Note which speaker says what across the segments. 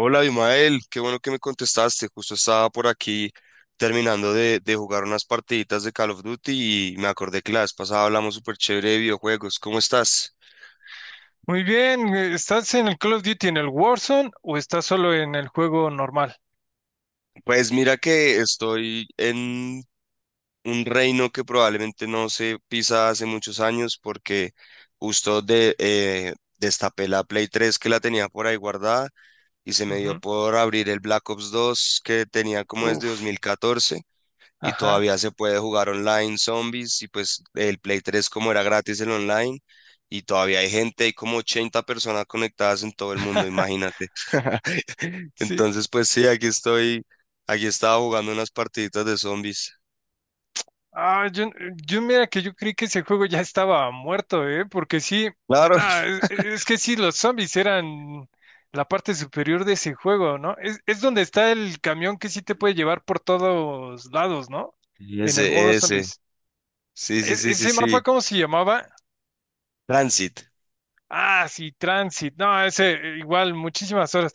Speaker 1: Hola, Abimael, qué bueno que me contestaste. Justo estaba por aquí terminando de jugar unas partiditas de Call of Duty y me acordé que la vez pasada hablamos súper chévere de videojuegos. ¿Cómo estás?
Speaker 2: Muy bien, ¿estás en el Call of Duty en el Warzone o estás solo en el juego normal?
Speaker 1: Pues mira que estoy en un reino que probablemente no se pisa hace muchos años porque justo destapé la Play 3 que la tenía por ahí guardada y se me dio
Speaker 2: Ujú.
Speaker 1: por abrir el Black Ops 2 que tenía como desde
Speaker 2: Uf,
Speaker 1: 2014 y
Speaker 2: ajá.
Speaker 1: todavía se puede jugar online Zombies y pues el Play 3 como era gratis el online y todavía hay gente, hay como 80 personas conectadas en todo el mundo, imagínate.
Speaker 2: Sí.
Speaker 1: Entonces pues sí, aquí estaba jugando unas partiditas de Zombies.
Speaker 2: Ah, yo, yo mira que yo creí que ese juego ya estaba muerto, ¿eh? Porque sí,
Speaker 1: Claro.
Speaker 2: nah, es que sí, los zombies eran la parte superior de ese juego, ¿no? Es donde está el camión que sí te puede llevar por todos lados, ¿no?
Speaker 1: Y
Speaker 2: En el modo
Speaker 1: ese, ese.
Speaker 2: zombies.
Speaker 1: Sí, sí, sí, sí,
Speaker 2: Ese
Speaker 1: sí.
Speaker 2: mapa, ¿cómo se llamaba?
Speaker 1: Transit.
Speaker 2: Ah, sí, Transit. No, ese igual, muchísimas horas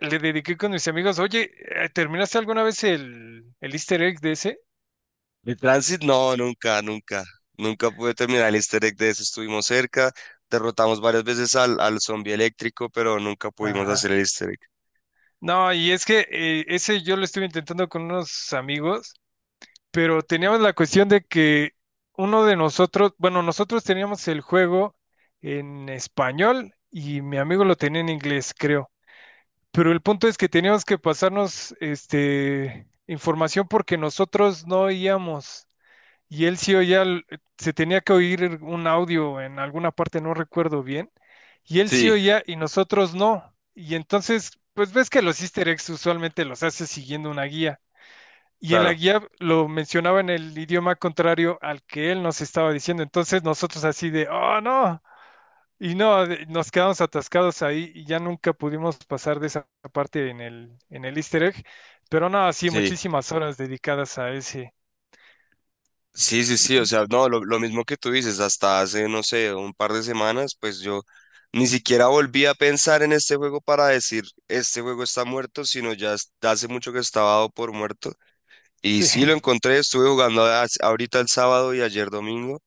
Speaker 2: le dediqué con mis amigos, oye, ¿terminaste alguna vez el easter egg de ese?
Speaker 1: El Transit no, nunca, nunca. Nunca pude terminar el easter egg de ese, estuvimos cerca. Derrotamos varias veces al zombie eléctrico, pero nunca pudimos
Speaker 2: Ajá.
Speaker 1: hacer el easter egg.
Speaker 2: No, y es que ese yo lo estuve intentando con unos amigos, pero teníamos la cuestión de que uno de nosotros, bueno, nosotros teníamos el juego en español y mi amigo lo tenía en inglés, creo. Pero el punto es que teníamos que pasarnos este información porque nosotros no oíamos. Y él sí oía, se tenía que oír un audio en alguna parte, no recuerdo bien, y él sí
Speaker 1: Sí,
Speaker 2: oía y nosotros no. Y entonces, pues ves que los easter eggs usualmente los hace siguiendo una guía. Y en la
Speaker 1: claro.
Speaker 2: guía lo mencionaba en el idioma contrario al que él nos estaba diciendo. Entonces nosotros así de, oh no. Y no, nos quedamos atascados ahí y ya nunca pudimos pasar de esa parte en en el easter egg. Pero no, sí,
Speaker 1: Sí,
Speaker 2: muchísimas horas dedicadas a ese.
Speaker 1: sí, sí,
Speaker 2: Y-
Speaker 1: sí, o
Speaker 2: y-
Speaker 1: sea, no, lo mismo que tú dices, hasta hace, no sé, un par de semanas, pues yo ni siquiera volví a pensar en este juego para decir, este juego está muerto, sino hace mucho que estaba dado por muerto. Y
Speaker 2: Sí.
Speaker 1: sí, lo encontré, estuve jugando ahorita el sábado y ayer domingo,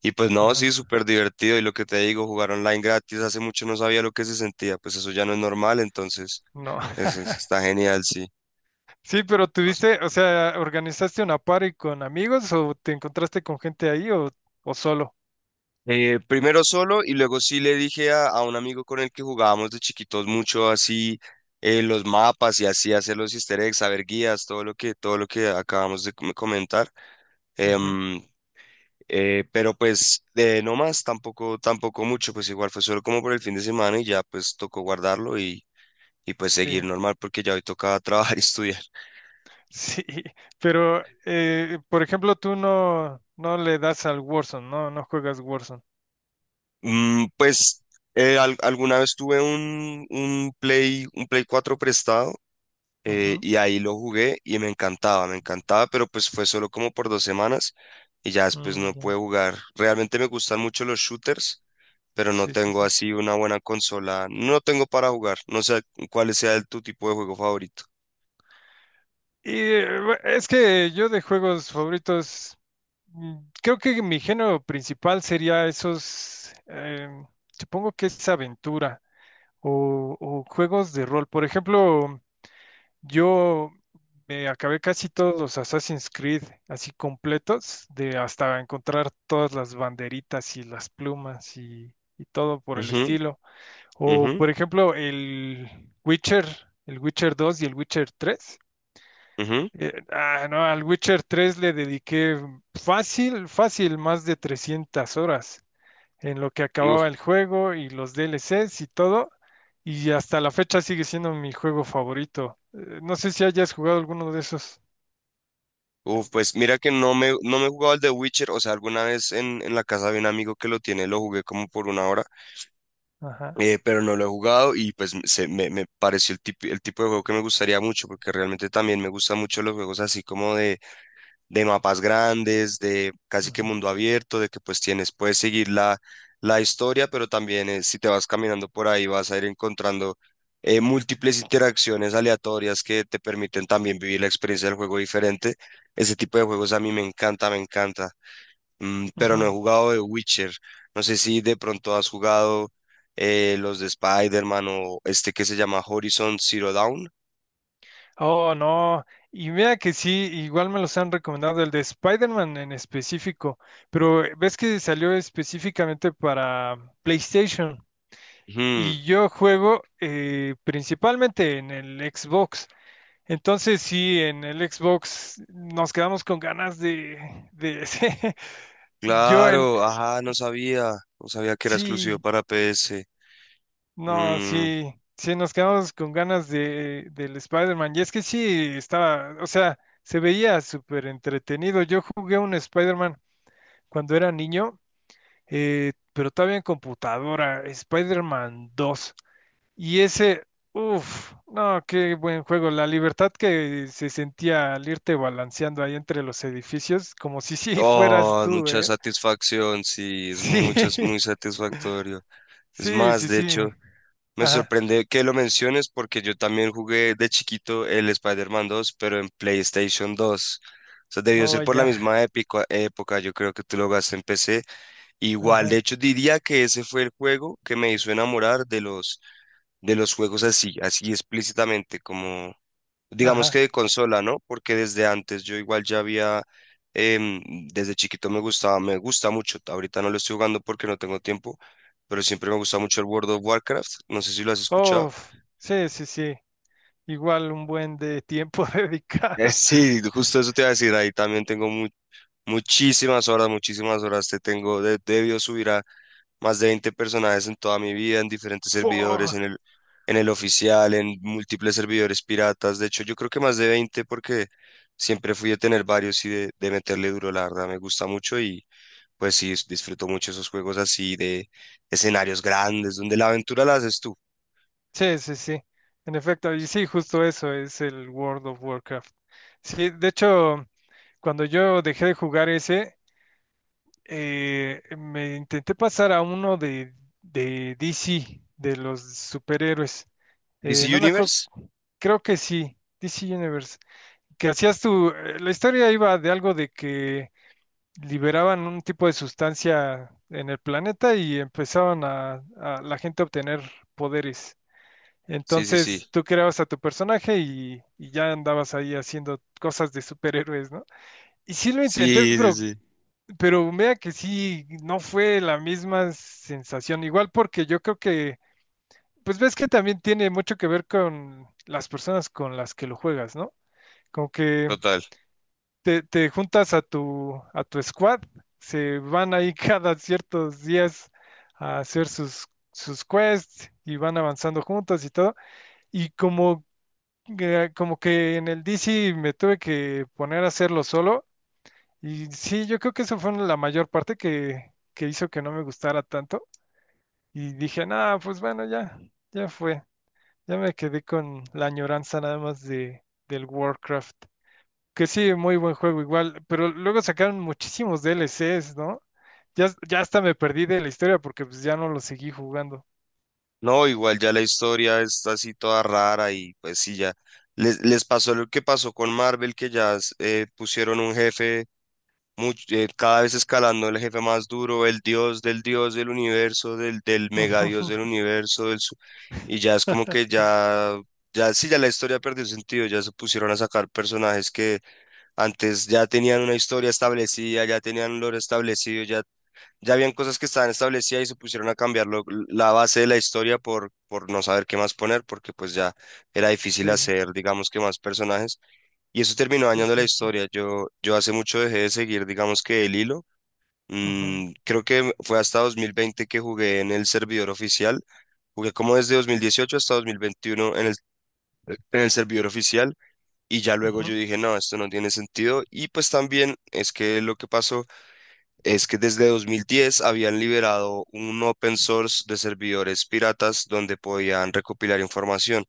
Speaker 1: y pues no, sí,
Speaker 2: Ajá.
Speaker 1: súper divertido, y lo que te digo, jugar online gratis, hace mucho no sabía lo que se sentía, pues eso ya no es normal, entonces,
Speaker 2: No.
Speaker 1: está genial, sí.
Speaker 2: Sí, pero tuviste, o sea, ¿organizaste una party con amigos o te encontraste con gente ahí o solo?
Speaker 1: Primero solo y luego sí le dije a un amigo con el que jugábamos de chiquitos mucho así los mapas y así hacer los easter eggs, saber guías, todo lo que acabamos de comentar.
Speaker 2: Ujú.
Speaker 1: Em, pero pues no más, tampoco mucho, pues igual fue solo como por el fin de semana y ya pues tocó guardarlo y pues
Speaker 2: Sí,
Speaker 1: seguir normal porque ya hoy toca trabajar y estudiar.
Speaker 2: sí, pero por ejemplo, tú no le das al Warzone, no juegas Warzone.
Speaker 1: Pues alguna vez tuve un Play 4 prestado,
Speaker 2: Ujú.
Speaker 1: y ahí lo jugué y me encantaba, pero pues fue solo como por 2 semanas y ya después
Speaker 2: Mm,
Speaker 1: no pude
Speaker 2: ya.
Speaker 1: jugar. Realmente me gustan mucho los shooters, pero no
Speaker 2: Sí, sí,
Speaker 1: tengo
Speaker 2: sí.
Speaker 1: así una buena consola, no tengo para jugar, no sé tu tipo de juego favorito.
Speaker 2: Y es que yo de juegos favoritos, mm, creo que mi género principal sería esos, supongo que es aventura o juegos de rol. Por ejemplo, yo me acabé casi todos los Assassin's Creed así completos, de hasta encontrar todas las banderitas y las plumas y todo por el
Speaker 1: Ujú,
Speaker 2: estilo. O
Speaker 1: ujú,
Speaker 2: por ejemplo, Witcher, el Witcher 2 y el Witcher 3.
Speaker 1: ujú.
Speaker 2: No, al Witcher 3 le dediqué fácil, fácil, más de 300 horas en lo que
Speaker 1: Y uf,
Speaker 2: acababa el juego y los DLCs y todo. Y hasta la fecha sigue siendo mi juego favorito. No sé si hayas jugado alguno de esos.
Speaker 1: uf, pues mira que no me he jugado el de Witcher, o sea, alguna vez en la casa de un amigo que lo tiene, lo jugué como por 1 hora,
Speaker 2: Ajá,
Speaker 1: pero no lo he jugado y pues me pareció el tipo de juego que me gustaría mucho, porque realmente también me gustan mucho los juegos así como de mapas grandes, de casi que
Speaker 2: ujú,
Speaker 1: mundo abierto, de que pues puedes seguir la historia, pero también si te vas caminando por ahí vas a ir encontrando múltiples interacciones aleatorias que te permiten también vivir la experiencia del juego diferente. Ese tipo de juegos a mí me encanta, me encanta. Pero no he
Speaker 2: ujú.
Speaker 1: jugado de Witcher. No sé si de pronto has jugado los de Spider-Man o este que se llama Horizon Zero Dawn.
Speaker 2: Oh, no. Y mira que sí, igual me los han recomendado, el de Spider-Man en específico. Pero ves que salió específicamente para PlayStation.
Speaker 1: Ujú,
Speaker 2: Y yo juego principalmente en el Xbox. Entonces sí, en el Xbox nos quedamos con ganas de, Yo en...
Speaker 1: claro,
Speaker 2: eh,
Speaker 1: ajá, no sabía. No sabía que era exclusivo
Speaker 2: sí,
Speaker 1: para PS.
Speaker 2: no,
Speaker 1: Mm,
Speaker 2: sí, sí, nos quedamos con ganas de, del Spider-Man. Y es que sí, estaba, o sea, se veía súper entretenido. Yo jugué un Spider-Man cuando era niño, pero todavía en computadora, Spider-Man 2. Y ese, uff, no, qué buen juego. La libertad que se sentía al irte balanceando ahí entre los edificios, como si sí fueras
Speaker 1: oh,
Speaker 2: tú,
Speaker 1: mucha
Speaker 2: ¿eh?
Speaker 1: satisfacción, sí, es
Speaker 2: Sí,
Speaker 1: muy satisfactorio. Es
Speaker 2: sí,
Speaker 1: más,
Speaker 2: sí,
Speaker 1: de hecho.
Speaker 2: sí.
Speaker 1: Me
Speaker 2: Ajá,
Speaker 1: sorprende que lo menciones porque yo también jugué de chiquito el Spider-Man 2, pero en PlayStation 2. O sea, debió
Speaker 2: oh,
Speaker 1: ser por la
Speaker 2: ya.
Speaker 1: misma época, yo creo que tú lo jugaste en PC. Igual, de
Speaker 2: Ajá,
Speaker 1: hecho, diría que ese fue el juego que me hizo enamorar de los juegos así explícitamente, como digamos que
Speaker 2: ajá.
Speaker 1: de consola, ¿no? Porque desde antes yo igual ya em, desde chiquito me gusta mucho. Ahorita no lo estoy jugando porque no tengo tiempo, pero siempre me gusta mucho el World of Warcraft. No sé si lo has escuchado.
Speaker 2: Uf, sí, sí, sí. Igual un buen de tiempo
Speaker 1: Eh,
Speaker 2: dedicado.
Speaker 1: Sí, justo eso te iba a decir, ahí también tengo muchísimas horas, te tengo, de debido subir a más de 20 personajes en toda mi vida, en diferentes servidores, en
Speaker 2: Fua.
Speaker 1: el, en el oficial, en múltiples servidores piratas, de hecho yo creo que más de 20 porque siempre fui a tener varios y de meterle duro, la verdad, me gusta mucho y pues sí, disfruto mucho esos juegos así de escenarios grandes, donde la aventura la haces tú.
Speaker 2: Sí, sí, sí. En efecto, y sí, justo eso es el World of Warcraft. Sí, de hecho, cuando yo dejé de jugar ese, me intenté pasar a uno de DC, de los superhéroes.
Speaker 1: ¿DC
Speaker 2: No me acuerdo,
Speaker 1: Universe?
Speaker 2: creo que sí, DC Universe. Que hacías tu, la historia iba de algo de que liberaban un tipo de sustancia en el planeta y empezaban a la gente a obtener poderes.
Speaker 1: Sí, sí, sí,
Speaker 2: Entonces tú creabas a tu personaje y ya andabas ahí haciendo cosas de superhéroes, ¿no? Y sí lo intenté,
Speaker 1: sí, sí, sí,
Speaker 2: pero vea que sí, no fue la misma sensación. Igual porque yo creo que, pues ves que también tiene mucho que ver con las personas con las que lo juegas, ¿no? Como que
Speaker 1: total.
Speaker 2: te juntas a tu squad, se van ahí cada ciertos días a hacer sus, sus quests y van avanzando juntos y todo. Y como, como que en el DC me tuve que poner a hacerlo solo. Y sí, yo creo que eso fue la mayor parte que hizo que no me gustara tanto. Y dije, nada, pues bueno, ya, ya fue. Ya me quedé con la añoranza nada más de, del Warcraft. Que sí, muy buen juego igual, pero luego sacaron muchísimos DLCs, ¿no? Ya, ya hasta me perdí de la historia porque pues ya no lo seguí jugando.
Speaker 1: No, igual ya la historia está así toda rara y pues sí, ya les pasó lo que pasó con Marvel, que pusieron un jefe cada vez escalando el jefe más duro, el dios del universo, del mega dios del universo, y ya es como que ya, ya sí, ya la historia perdió sentido, ya se pusieron a sacar personajes que antes ya tenían una historia establecida, ya tenían un lore establecido, ya habían cosas que estaban establecidas y se pusieron a cambiar la base de la historia por no saber qué más poner, porque pues ya era difícil
Speaker 2: Sí,
Speaker 1: hacer, digamos que más personajes, y eso terminó
Speaker 2: sí,
Speaker 1: dañando la
Speaker 2: sí, sí.
Speaker 1: historia. Yo hace mucho dejé de seguir, digamos que el hilo.
Speaker 2: Ujú,
Speaker 1: Creo que fue hasta 2020 que jugué en el servidor oficial. Jugué como desde 2018 hasta 2021 en el servidor oficial y ya luego yo
Speaker 2: ujú,
Speaker 1: dije, no, esto no tiene sentido. Y pues también es que lo que pasó es que desde 2010 habían liberado un open source de servidores piratas donde podían recopilar información.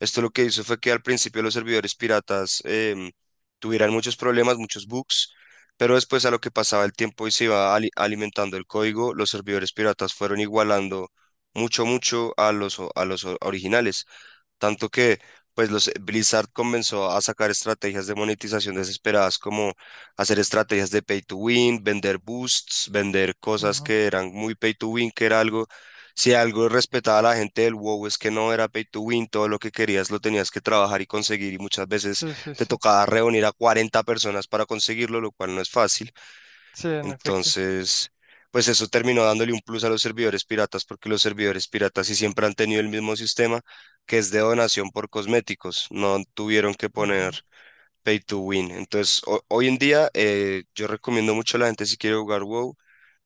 Speaker 1: Esto lo que hizo fue que al principio los servidores piratas tuvieran muchos problemas, muchos bugs, pero después a lo que pasaba el tiempo y se iba alimentando el código, los servidores piratas fueron igualando mucho, mucho a los originales. Tanto que pues los Blizzard comenzó a sacar estrategias de monetización desesperadas como hacer estrategias de pay to win, vender boosts, vender cosas
Speaker 2: ujú.
Speaker 1: que eran muy pay to win, si algo respetaba a la gente del WoW es que no era pay to win, todo lo que querías lo tenías que trabajar y conseguir y muchas veces
Speaker 2: Sí, sí,
Speaker 1: te
Speaker 2: sí.
Speaker 1: tocaba reunir a 40 personas para conseguirlo, lo cual no es fácil.
Speaker 2: Sí, en efecto.
Speaker 1: Entonces, pues eso terminó dándole un plus a los servidores piratas porque los servidores piratas sí siempre han tenido el mismo sistema que es de donación por cosméticos, no tuvieron que poner
Speaker 2: Ujú.
Speaker 1: pay to win. Entonces, hoy en día yo recomiendo mucho a la gente si quiere jugar WoW,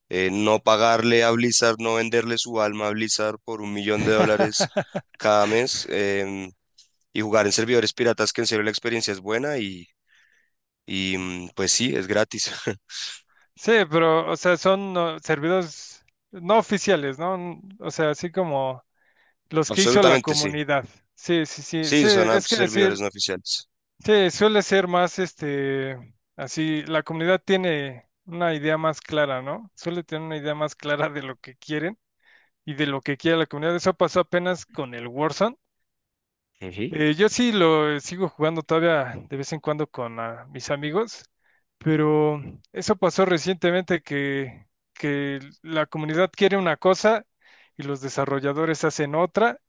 Speaker 1: no pagarle a Blizzard, no venderle su alma a Blizzard por 1 millón de dólares cada mes, y jugar en servidores piratas que en serio la experiencia es buena y pues sí, es gratis.
Speaker 2: Sí, pero, o sea, son servidores no oficiales, ¿no? O sea, así como los que hizo la
Speaker 1: Absolutamente sí.
Speaker 2: comunidad. Sí, sí, sí,
Speaker 1: Sí,
Speaker 2: sí,
Speaker 1: son
Speaker 2: es
Speaker 1: apps
Speaker 2: que sí,
Speaker 1: servidores no oficiales.
Speaker 2: sí, suele ser más este, así, la comunidad tiene una idea más clara, ¿no? Suele tener una idea más clara de lo que quieren y de lo que quiere la comunidad. Eso pasó apenas con el Warzone.
Speaker 1: Ujú.
Speaker 2: Yo sí lo sigo jugando todavía de vez en cuando con mis amigos, pero eso pasó recientemente que la comunidad quiere una cosa y los desarrolladores hacen otra.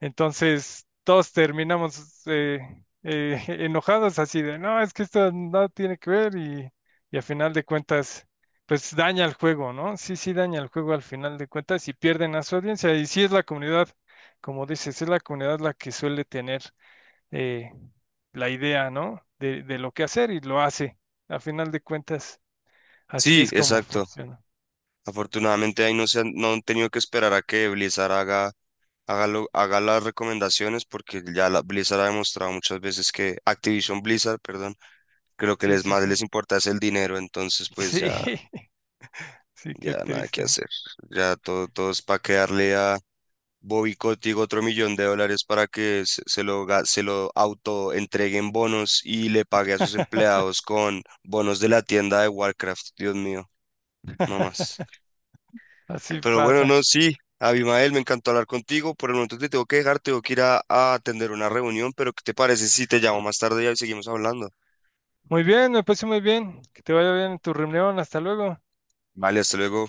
Speaker 2: Entonces, todos terminamos enojados así de, no, es que esto no tiene que ver y a final de cuentas, pues daña el juego, ¿no? Sí, sí, daña el juego al final de cuentas y pierden a su audiencia. Y sí es la comunidad, como dices, es la comunidad la que suele tener eh, la idea, ¿no? De lo que hacer y lo hace. A final de cuentas, así
Speaker 1: Sí,
Speaker 2: es como
Speaker 1: exacto.
Speaker 2: funciona.
Speaker 1: Afortunadamente ahí no han tenido que esperar a que Blizzard haga las recomendaciones porque ya Blizzard ha demostrado muchas veces que Activision Blizzard, perdón, que lo que
Speaker 2: Sí,
Speaker 1: les
Speaker 2: sí,
Speaker 1: más
Speaker 2: sí.
Speaker 1: les importa es el dinero, entonces pues
Speaker 2: Sí,
Speaker 1: ya,
Speaker 2: sí, qué
Speaker 1: ya nada que
Speaker 2: triste.
Speaker 1: hacer. Ya todo es para quedarle Bobby Kotick otro 1 millón de dólares para que se lo auto entreguen bonos y le pague a sus empleados con bonos de la tienda de Warcraft. Dios mío, no más.
Speaker 2: Así
Speaker 1: Pero bueno,
Speaker 2: pasa.
Speaker 1: no, sí. Abimael, me encantó hablar contigo. Por el momento te tengo que dejar, tengo que ir a atender una reunión, pero ¿qué te parece si te llamo más tarde y seguimos hablando?
Speaker 2: Muy bien, me parece muy bien. Que te vaya bien en tu reunión. Hasta luego.
Speaker 1: Vale, hasta luego.